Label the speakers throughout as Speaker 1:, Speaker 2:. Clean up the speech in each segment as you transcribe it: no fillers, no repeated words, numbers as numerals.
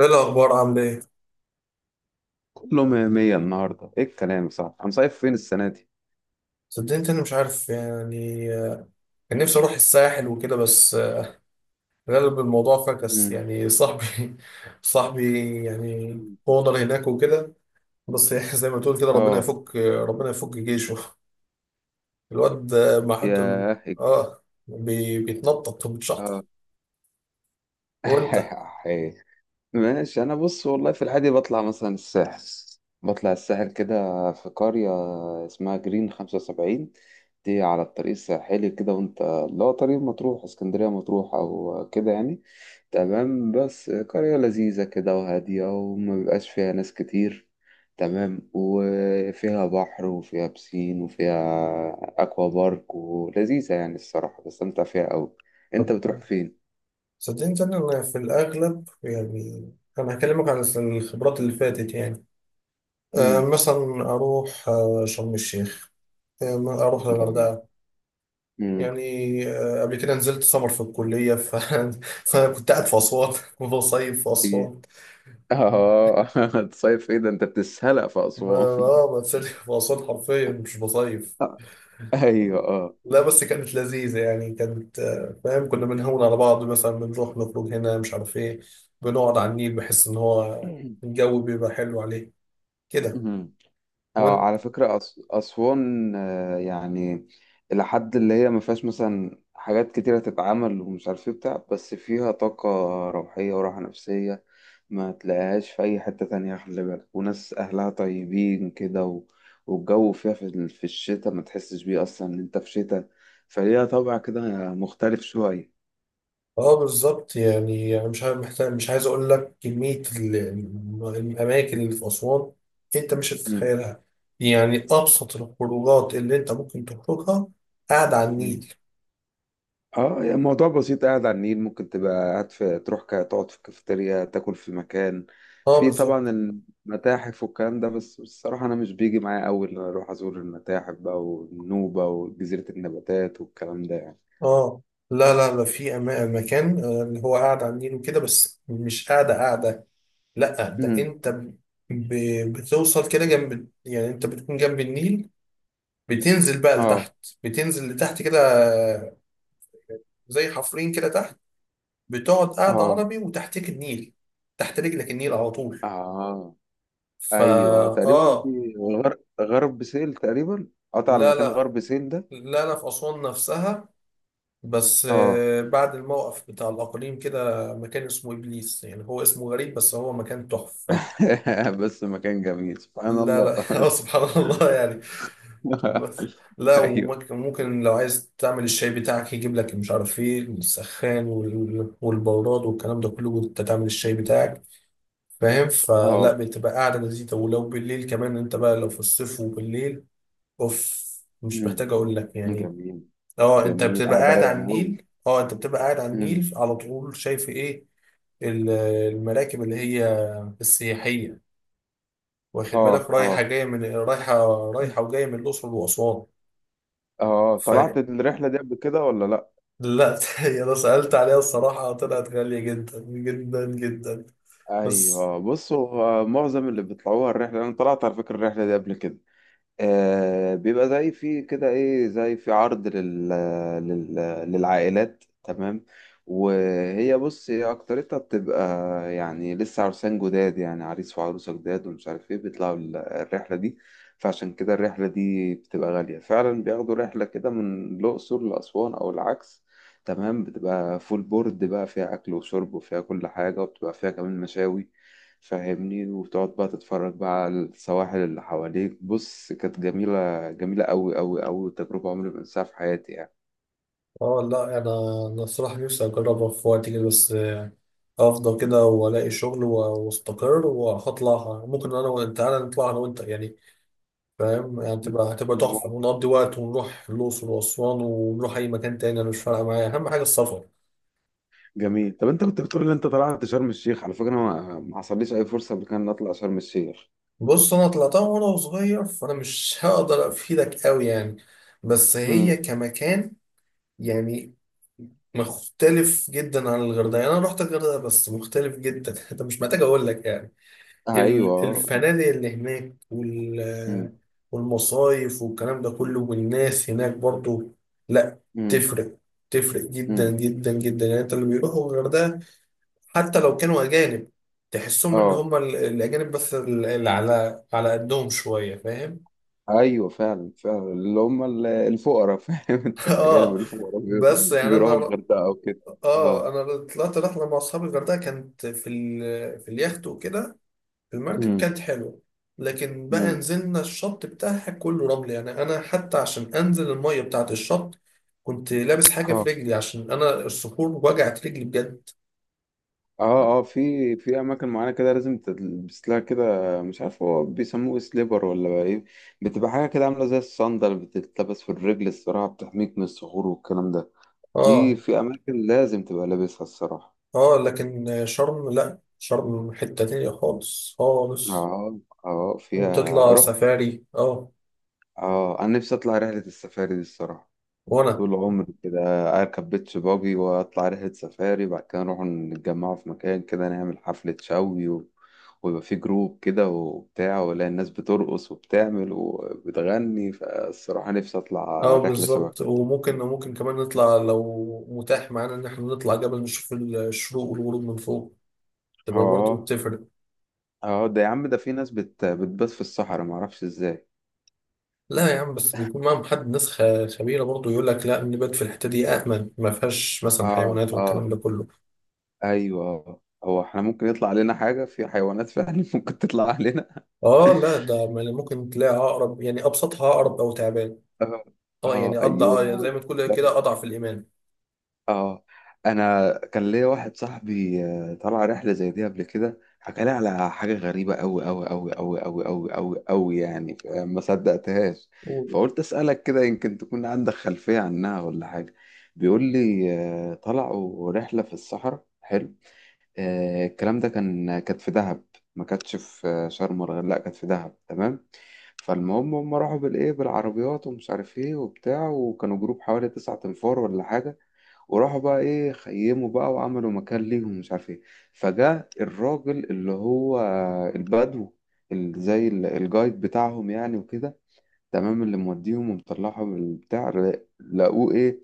Speaker 1: ايه الاخبار؟ عامل ايه؟
Speaker 2: كله مية مية النهاردة، إيه الكلام؟ صح، هنصيف فين السنة دي؟
Speaker 1: صدقني إنت، انا مش عارف يعني. كان نفسي اروح الساحل وكده بس. غالب الموضوع فكس،
Speaker 2: مم.
Speaker 1: يعني صاحبي صاحبي يعني اونر هناك وكده. بس يعني زي ما تقول كده، ربنا
Speaker 2: آه.
Speaker 1: يفك ربنا يفك جيشه. الواد ما حد.
Speaker 2: ياه إيه.
Speaker 1: اه. بيتنطط وبيتشحطط.
Speaker 2: آه.
Speaker 1: وانت؟
Speaker 2: ماشي، انا بص والله في العادي بطلع مثلا الساحل، بطلع الساحل كده، في قرية اسمها جرين 75، دي على الطريق الساحلي كده، وانت اللي هو طريق مطروح اسكندرية مطروح او كده يعني. تمام، بس قرية لذيذة كده وهادية وما بيبقاش فيها ناس كتير. تمام، وفيها بحر وفيها بسين وفيها اكوا بارك ولذيذة، يعني الصراحة بستمتع فيها أوي. انت
Speaker 1: طب
Speaker 2: بتروح فين؟
Speaker 1: صدقني إنت، انا في الاغلب يعني انا هكلمك عن الخبرات اللي فاتت يعني.
Speaker 2: مم.
Speaker 1: مثلا اروح شرم الشيخ، اروح
Speaker 2: جميل.
Speaker 1: الغردقه
Speaker 2: مم.
Speaker 1: يعني. قبل كده نزلت سمر في الكلية فكنت قاعد في أسوان وبصيف في
Speaker 2: إيه؟
Speaker 1: أسوان.
Speaker 2: اه. تصيف ايه ده، انت بتسهلق في
Speaker 1: ما
Speaker 2: اسوان؟
Speaker 1: بتسلي في أسوان حرفيا، مش بصيف.
Speaker 2: آه، ايوه اه.
Speaker 1: لا بس كانت لذيذة، يعني كانت، فاهم، كنا بنهون على بعض، مثلا بنروح نخرج هنا مش عارف إيه، بنقعد على النيل، بحس إن هو الجو بيبقى حلو عليه كده.
Speaker 2: مهم. اه، على فكرة أسوان، آه، يعني إلى حد اللي هي ما فيهاش مثلا حاجات كتيرة تتعمل ومش عارف ايه بتاع، بس فيها طاقة روحية وراحة نفسية ما تلاقيهاش في أي حتة تانية. خلي بالك، وناس أهلها طيبين كده، و... والجو فيها في الشتاء ما تحسش بيه أصلا إن أنت في شتاء. فليها طابع كده مختلف شوية.
Speaker 1: اه بالظبط. يعني انا مش عايز، محتاج، مش عايز اقول لك كميه الاماكن اللي في اسوان. انت مش هتتخيلها. يعني ابسط الخروجات اللي انت ممكن تخرجها، قاعد على
Speaker 2: مم.
Speaker 1: النيل.
Speaker 2: اه، يعني الموضوع بسيط، قاعد على النيل، ممكن تبقى قاعد، في تروح تقعد في الكافيتيريا، تاكل في مكان،
Speaker 1: اه
Speaker 2: في طبعا
Speaker 1: بالظبط.
Speaker 2: المتاحف والكلام ده، بس الصراحة أنا مش بيجي معايا أوي إن أنا أروح أزور المتاحف بقى والنوبة وجزيرة النباتات والكلام ده يعني.
Speaker 1: اه لا لا لا، في مكان، اللي هو قاعد على النيل وكده، بس مش قاعده قاعده. لا ده
Speaker 2: امم.
Speaker 1: انت بتوصل كده جنب، يعني انت بتكون جنب النيل. بتنزل بقى
Speaker 2: اه
Speaker 1: لتحت، بتنزل لتحت كده، آه، زي حفرين كده تحت. بتقعد قاعدة
Speaker 2: اه
Speaker 1: عربي وتحتك النيل، تحت رجلك النيل على طول.
Speaker 2: اه.
Speaker 1: فا.
Speaker 2: أيوه تقريبا
Speaker 1: آه
Speaker 2: غرب سهيل تقريبا، قطع على
Speaker 1: لا
Speaker 2: مكان
Speaker 1: لا
Speaker 2: غرب سهيل ده.
Speaker 1: لا لا، في أسوان نفسها. بس
Speaker 2: اه.
Speaker 1: بعد الموقف بتاع الأقاليم كده، مكان اسمه إبليس. يعني هو اسمه غريب بس هو مكان تحفة.
Speaker 2: بس مكان جميل سبحان
Speaker 1: لا
Speaker 2: الله.
Speaker 1: لا سبحان الله يعني. بس. لا،
Speaker 2: ايوه
Speaker 1: وممكن ممكن لو عايز تعمل الشاي بتاعك، يجيب لك مش عارف ايه السخان والبراد والكلام ده كله وانت تعمل الشاي بتاعك. فاهم؟ فلا،
Speaker 2: اه.
Speaker 1: بتبقى قاعدة لذيذة. ولو بالليل كمان، انت بقى لو في الصيف وبالليل، اوف، مش محتاج اقول لك يعني.
Speaker 2: جميل
Speaker 1: اه انت
Speaker 2: جميل،
Speaker 1: بتبقى
Speaker 2: قاعدة
Speaker 1: قاعد على
Speaker 2: رايقة أوي.
Speaker 1: النيل، اه انت بتبقى قاعد على
Speaker 2: مم.
Speaker 1: النيل على طول. شايف ايه؟ ال- المراكب اللي هي السياحية، واخد
Speaker 2: اه
Speaker 1: بالك، رايحة
Speaker 2: اه
Speaker 1: جاية، من رايحة رايحة وجاية من الأقصر وأسوان.
Speaker 2: اه، طلعت
Speaker 1: فلا
Speaker 2: الرحلة دي قبل كده ولا لأ؟
Speaker 1: أنا سألت عليها، الصراحة طلعت غالية جدا جدا جدا. بس.
Speaker 2: أيوه بصوا، آه، معظم اللي بيطلعوها الرحلة، أنا طلعت على فكرة الرحلة دي قبل كده. آه، بيبقى زي في كده ايه، زي في عرض لل... للعائلات، تمام. وهي بص هي اكترتها بتبقى يعني لسه عرسان جداد، يعني عريس وعروسة جداد ومش عارف ايه، بيطلعوا الرحلة دي، فعشان كده الرحلة دي بتبقى غالية فعلا، بياخدوا رحلة كده من الأقصر لأسوان أو العكس، تمام. بتبقى فول بورد بقى، فيها أكل وشرب وفيها كل حاجة، وبتبقى فيها كمان مشاوي، فاهمني. وتقعد بقى تتفرج بقى على السواحل اللي حواليك. بص، كانت جميلة جميلة أوي أوي أوي، تجربة عمري ما أنساها في حياتي يعني.
Speaker 1: اه لا انا الصراحه نفسي اجربها في وقت كده، بس افضل كده والاقي شغل واستقر وهطلعها. ممكن انا وانت، تعالى نطلع انا وانت يعني. فاهم؟ يعني هتبقى تحفه
Speaker 2: ممكن.
Speaker 1: ونقضي وقت ونروح الاقصر واسوان ونروح اي مكان تاني. انا مش فارقه معايا، اهم حاجه السفر.
Speaker 2: جميل. طب انت كنت بتقول ان انت طلعت شرم الشيخ، على فكره انا ما حصليش اي فرصه قبل كده ان اطلع شرم الشيخ.
Speaker 1: بص، انا طلعتها وانا صغير، فانا مش هقدر افيدك قوي يعني. بس هي
Speaker 2: امم.
Speaker 1: كمكان يعني مختلف جدا عن الغردقه. يعني انا رحت الغردقه بس مختلف جدا. انت مش محتاج اقول لك يعني.
Speaker 2: أيوه.
Speaker 1: الفنادق اللي هناك
Speaker 2: امم.
Speaker 1: والمصايف والكلام ده كله، والناس هناك برضو. لا،
Speaker 2: امم.
Speaker 1: تفرق تفرق جدا
Speaker 2: امم.
Speaker 1: جدا جدا. يعني انت اللي بيروحوا الغردقة حتى لو كانوا أجانب، تحسهم اللي
Speaker 2: أه.
Speaker 1: هم الأجانب، بس اللي على قدهم شوية. فاهم؟
Speaker 2: أيوه فعلا فعلا، اللي هم الفقراء، فاهم أنت، الأجانب
Speaker 1: اه.
Speaker 2: الفقراء
Speaker 1: بس يعني أنا
Speaker 2: بيروحوا الغردقة أو كده.
Speaker 1: اه
Speaker 2: أه.
Speaker 1: أنا طلعت رحلة مع أصحابي الغردقة، كانت في اليخت وكده. المركب
Speaker 2: امم.
Speaker 1: كانت حلوة، لكن بقى
Speaker 2: امم.
Speaker 1: نزلنا الشط بتاعها كله رمل. يعني أنا حتى عشان أنزل المية بتاعت الشط كنت لابس حاجة في رجلي، عشان أنا الصخور وجعت رجلي بجد.
Speaker 2: اه اه، في اماكن معينه كده لازم تلبس لها كده، مش عارف هو بيسموه سليبر ولا بقى ايه، بتبقى حاجه كده عامله زي الصندل بتتلبس في الرجل، الصراحه بتحميك من الصخور والكلام ده، دي
Speaker 1: آه
Speaker 2: في اماكن لازم تبقى لابسها الصراحه.
Speaker 1: لكن شرم لأ، شرم حتة تانية خالص خالص.
Speaker 2: اه اه، فيها
Speaker 1: وتطلع
Speaker 2: رحت.
Speaker 1: سفاري
Speaker 2: اه، انا نفسي اطلع رحله السفاري دي الصراحه،
Speaker 1: وأنا
Speaker 2: طول عمري كده أركب بيتش باجي وأطلع رحلة سفاري، بعد كده نروح نتجمعوا في مكان كده، نعمل حفلة شوي و... ويبقى في جروب كده وبتاع، ولا الناس بترقص وبتعمل وبتغني، فالصراحة نفسي أطلع رحلة شبه
Speaker 1: بالظبط.
Speaker 2: كده.
Speaker 1: وممكن ممكن كمان نطلع لو متاح معانا إن إحنا نطلع جبل، نشوف الشروق والغروب من فوق، تبقى برضه
Speaker 2: اه
Speaker 1: بتفرق.
Speaker 2: اه، ده يا عم، ده في ناس بتبات في الصحراء معرفش ازاي.
Speaker 1: لا يا عم، بس بيكون معاهم حد، ناس خبيره برضه، يقول لك لا نبات في الحته دي، امن، ما فيهاش مثلا
Speaker 2: اه
Speaker 1: حيوانات
Speaker 2: اه.
Speaker 1: والكلام ده كله.
Speaker 2: ايوه، هو احنا ممكن يطلع علينا حاجة في حيوانات فعلا، ممكن تطلع علينا.
Speaker 1: اه لا ده ممكن تلاقي عقرب. يعني ابسطها عقرب او تعبان.
Speaker 2: اه
Speaker 1: اه يعني
Speaker 2: اه ايوه
Speaker 1: زي ما تقول كده اضعف الايمان.
Speaker 2: اه. انا كان ليا واحد صاحبي، آه، طلع رحله زي دي قبل كده، حكى لي على حاجه غريبه قوي قوي قوي قوي قوي قوي قوي قوي يعني، ما صدقتهاش.
Speaker 1: قول.
Speaker 2: فقلت اسالك كده، يمكن تكون عندك خلفيه عنها ولا حاجه. بيقول لي آه، طلعوا رحله في الصحراء، حلو. آه، الكلام ده كان كانت في دهب، ما كانتش في آه، شرم، ولا لا، كانت في دهب تمام. فالمهم، هم راحوا بالايه بالعربيات ومش عارف ايه وبتاع، وكانوا جروب حوالي 9 انفار ولا حاجه، وراحوا بقى ايه خيموا بقى وعملوا مكان ليهم ومش عارف ايه. فجاء الراجل اللي هو البدو، زي الجايد بتاعهم يعني وكده، تمام، اللي موديهم ومطلعهم من البتاع، لقوه ايه،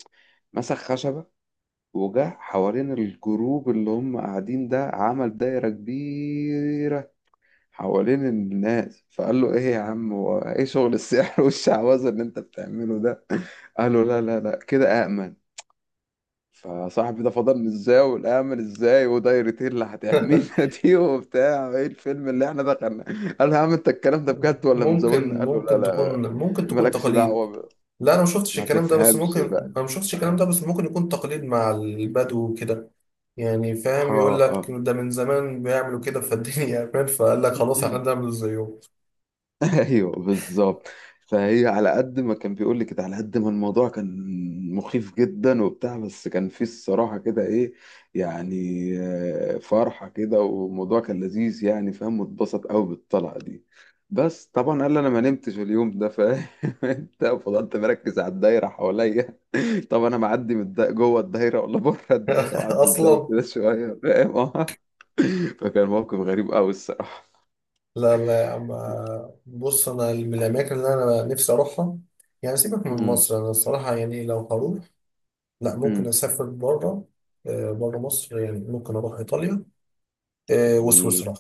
Speaker 2: مسك خشبة وجه حوالين الجروب اللي هم قاعدين ده، عمل دايرة كبيرة حوالين الناس. فقال له: ايه يا عم، هو ايه شغل السحر والشعوذة اللي انت بتعمله ده؟ قالوا: لا لا لا، كده أأمن. فصاحبي ده فضل ازاي، والامل ازاي، ودايرتي اللي هتحمينا دي وبتاع، ايه الفيلم اللي احنا دخلنا. قال له: يا عم انت الكلام ده بجد ولا
Speaker 1: ممكن،
Speaker 2: بتزودنا؟ قال له: لا
Speaker 1: ممكن تكون
Speaker 2: لا،
Speaker 1: ممكن تكون
Speaker 2: مالكش
Speaker 1: تقاليد.
Speaker 2: دعوة،
Speaker 1: لا انا ما شفتش
Speaker 2: ما
Speaker 1: الكلام ده، بس
Speaker 2: تفهمش
Speaker 1: ممكن.
Speaker 2: بقى.
Speaker 1: انا ما شفتش الكلام ده،
Speaker 2: اه
Speaker 1: بس ممكن يكون تقاليد مع البدو وكده. يعني فاهم،
Speaker 2: اه,
Speaker 1: يقول لك
Speaker 2: آه.
Speaker 1: ده من زمان بيعملوا كده، فالدنيا امان، فقال لك خلاص احنا نعمل زيهم.
Speaker 2: ايوه بالظبط. فهي على قد ما كان بيقول لي كده، على قد ما الموضوع كان مخيف جدا وبتاع، بس كان فيه الصراحه كده ايه يعني، آه، فرحه كده والموضوع كان لذيذ يعني، فاهم، واتبسط قوي بالطلعه دي، بس طبعا قال لي انا ما نمتش اليوم ده، فاهم. انت فضلت مركز على الدايره حواليا، طب انا معدي جوه الدايره ولا بره الدايره، وقعد الزاويه
Speaker 1: اصلا.
Speaker 2: كده شويه، فاهم؟ اه. فكان موقف غريب قوي الصراحه.
Speaker 1: لا لا يا عم، بص انا من الاماكن اللي انا نفسي اروحها يعني. سيبك من مصر، انا الصراحه يعني لو هروح، لا ممكن
Speaker 2: امم.
Speaker 1: اسافر بره. بره مصر يعني ممكن اروح ايطاليا،
Speaker 2: جميل،
Speaker 1: وسويسرا.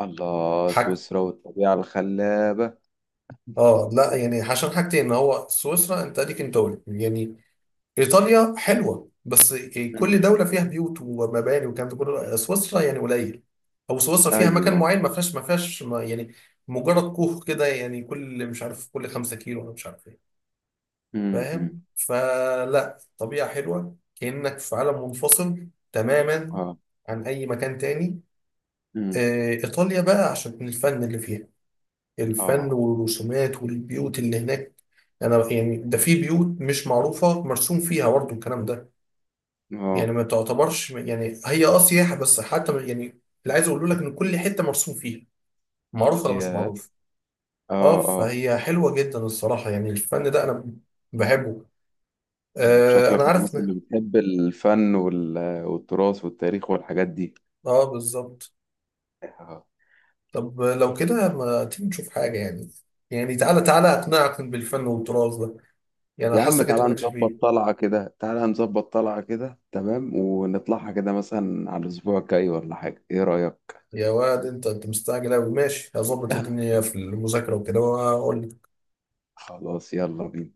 Speaker 2: الله
Speaker 1: حاج.
Speaker 2: سويسرا والطبيعة الخلابة.
Speaker 1: اه لا يعني عشان حاجتين، ان هو سويسرا انت اديك انت قلت يعني. ايطاليا حلوه بس كل
Speaker 2: مم.
Speaker 1: دوله فيها بيوت ومباني والكلام ده كله. سويسرا يعني قليل، او سويسرا فيها مكان
Speaker 2: أيوة.
Speaker 1: معين ما فيهاش يعني مجرد كوخ كده. يعني كل 5 كيلو، انا مش عارف ايه.
Speaker 2: مم. مم.
Speaker 1: فاهم؟ فلا طبيعة حلوة، كأنك في عالم منفصل تماما
Speaker 2: آه.
Speaker 1: عن أي مكان تاني.
Speaker 2: مم.
Speaker 1: إيطاليا بقى عشان الفن اللي فيها. الفن
Speaker 2: آه
Speaker 1: والرسومات والبيوت اللي هناك، أنا يعني ده في بيوت مش معروفة مرسوم فيها برضه الكلام ده. يعني
Speaker 2: آه.
Speaker 1: ما تعتبرش يعني هي سياحة بس حتى. يعني اللي عايز أقوله لك إن كل حتة مرسوم فيها، معروفة ولا مش
Speaker 2: يا،
Speaker 1: معروفة. أه
Speaker 2: آه آه.
Speaker 1: فهي حلوة جدا الصراحة، يعني الفن ده أنا بحبه.
Speaker 2: مم.
Speaker 1: آه أنا
Speaker 2: شكلك من
Speaker 1: عارف
Speaker 2: الناس اللي
Speaker 1: ده.
Speaker 2: بتحب الفن وال... والتراث والتاريخ والحاجات دي،
Speaker 1: أه بالظبط.
Speaker 2: آه.
Speaker 1: طب لو كده ما تيجي نشوف حاجة يعني. يعني تعالى تعالى أقنعك بالفن والتراث ده، يعني
Speaker 2: يا
Speaker 1: أنا
Speaker 2: عم
Speaker 1: حاسك أنت
Speaker 2: تعالى
Speaker 1: مالكش
Speaker 2: نظبط
Speaker 1: فيه.
Speaker 2: طلعة كده، تعالى نظبط طلعة كده، تمام، ونطلعها كده مثلا على الأسبوع الجاي ولا حاجة، إيه رأيك؟
Speaker 1: يا واد أنت مستعجل أوي. ماشي، هظبط الدنيا في المذاكرة وكده وأقول لك.
Speaker 2: خلاص، يلا بينا.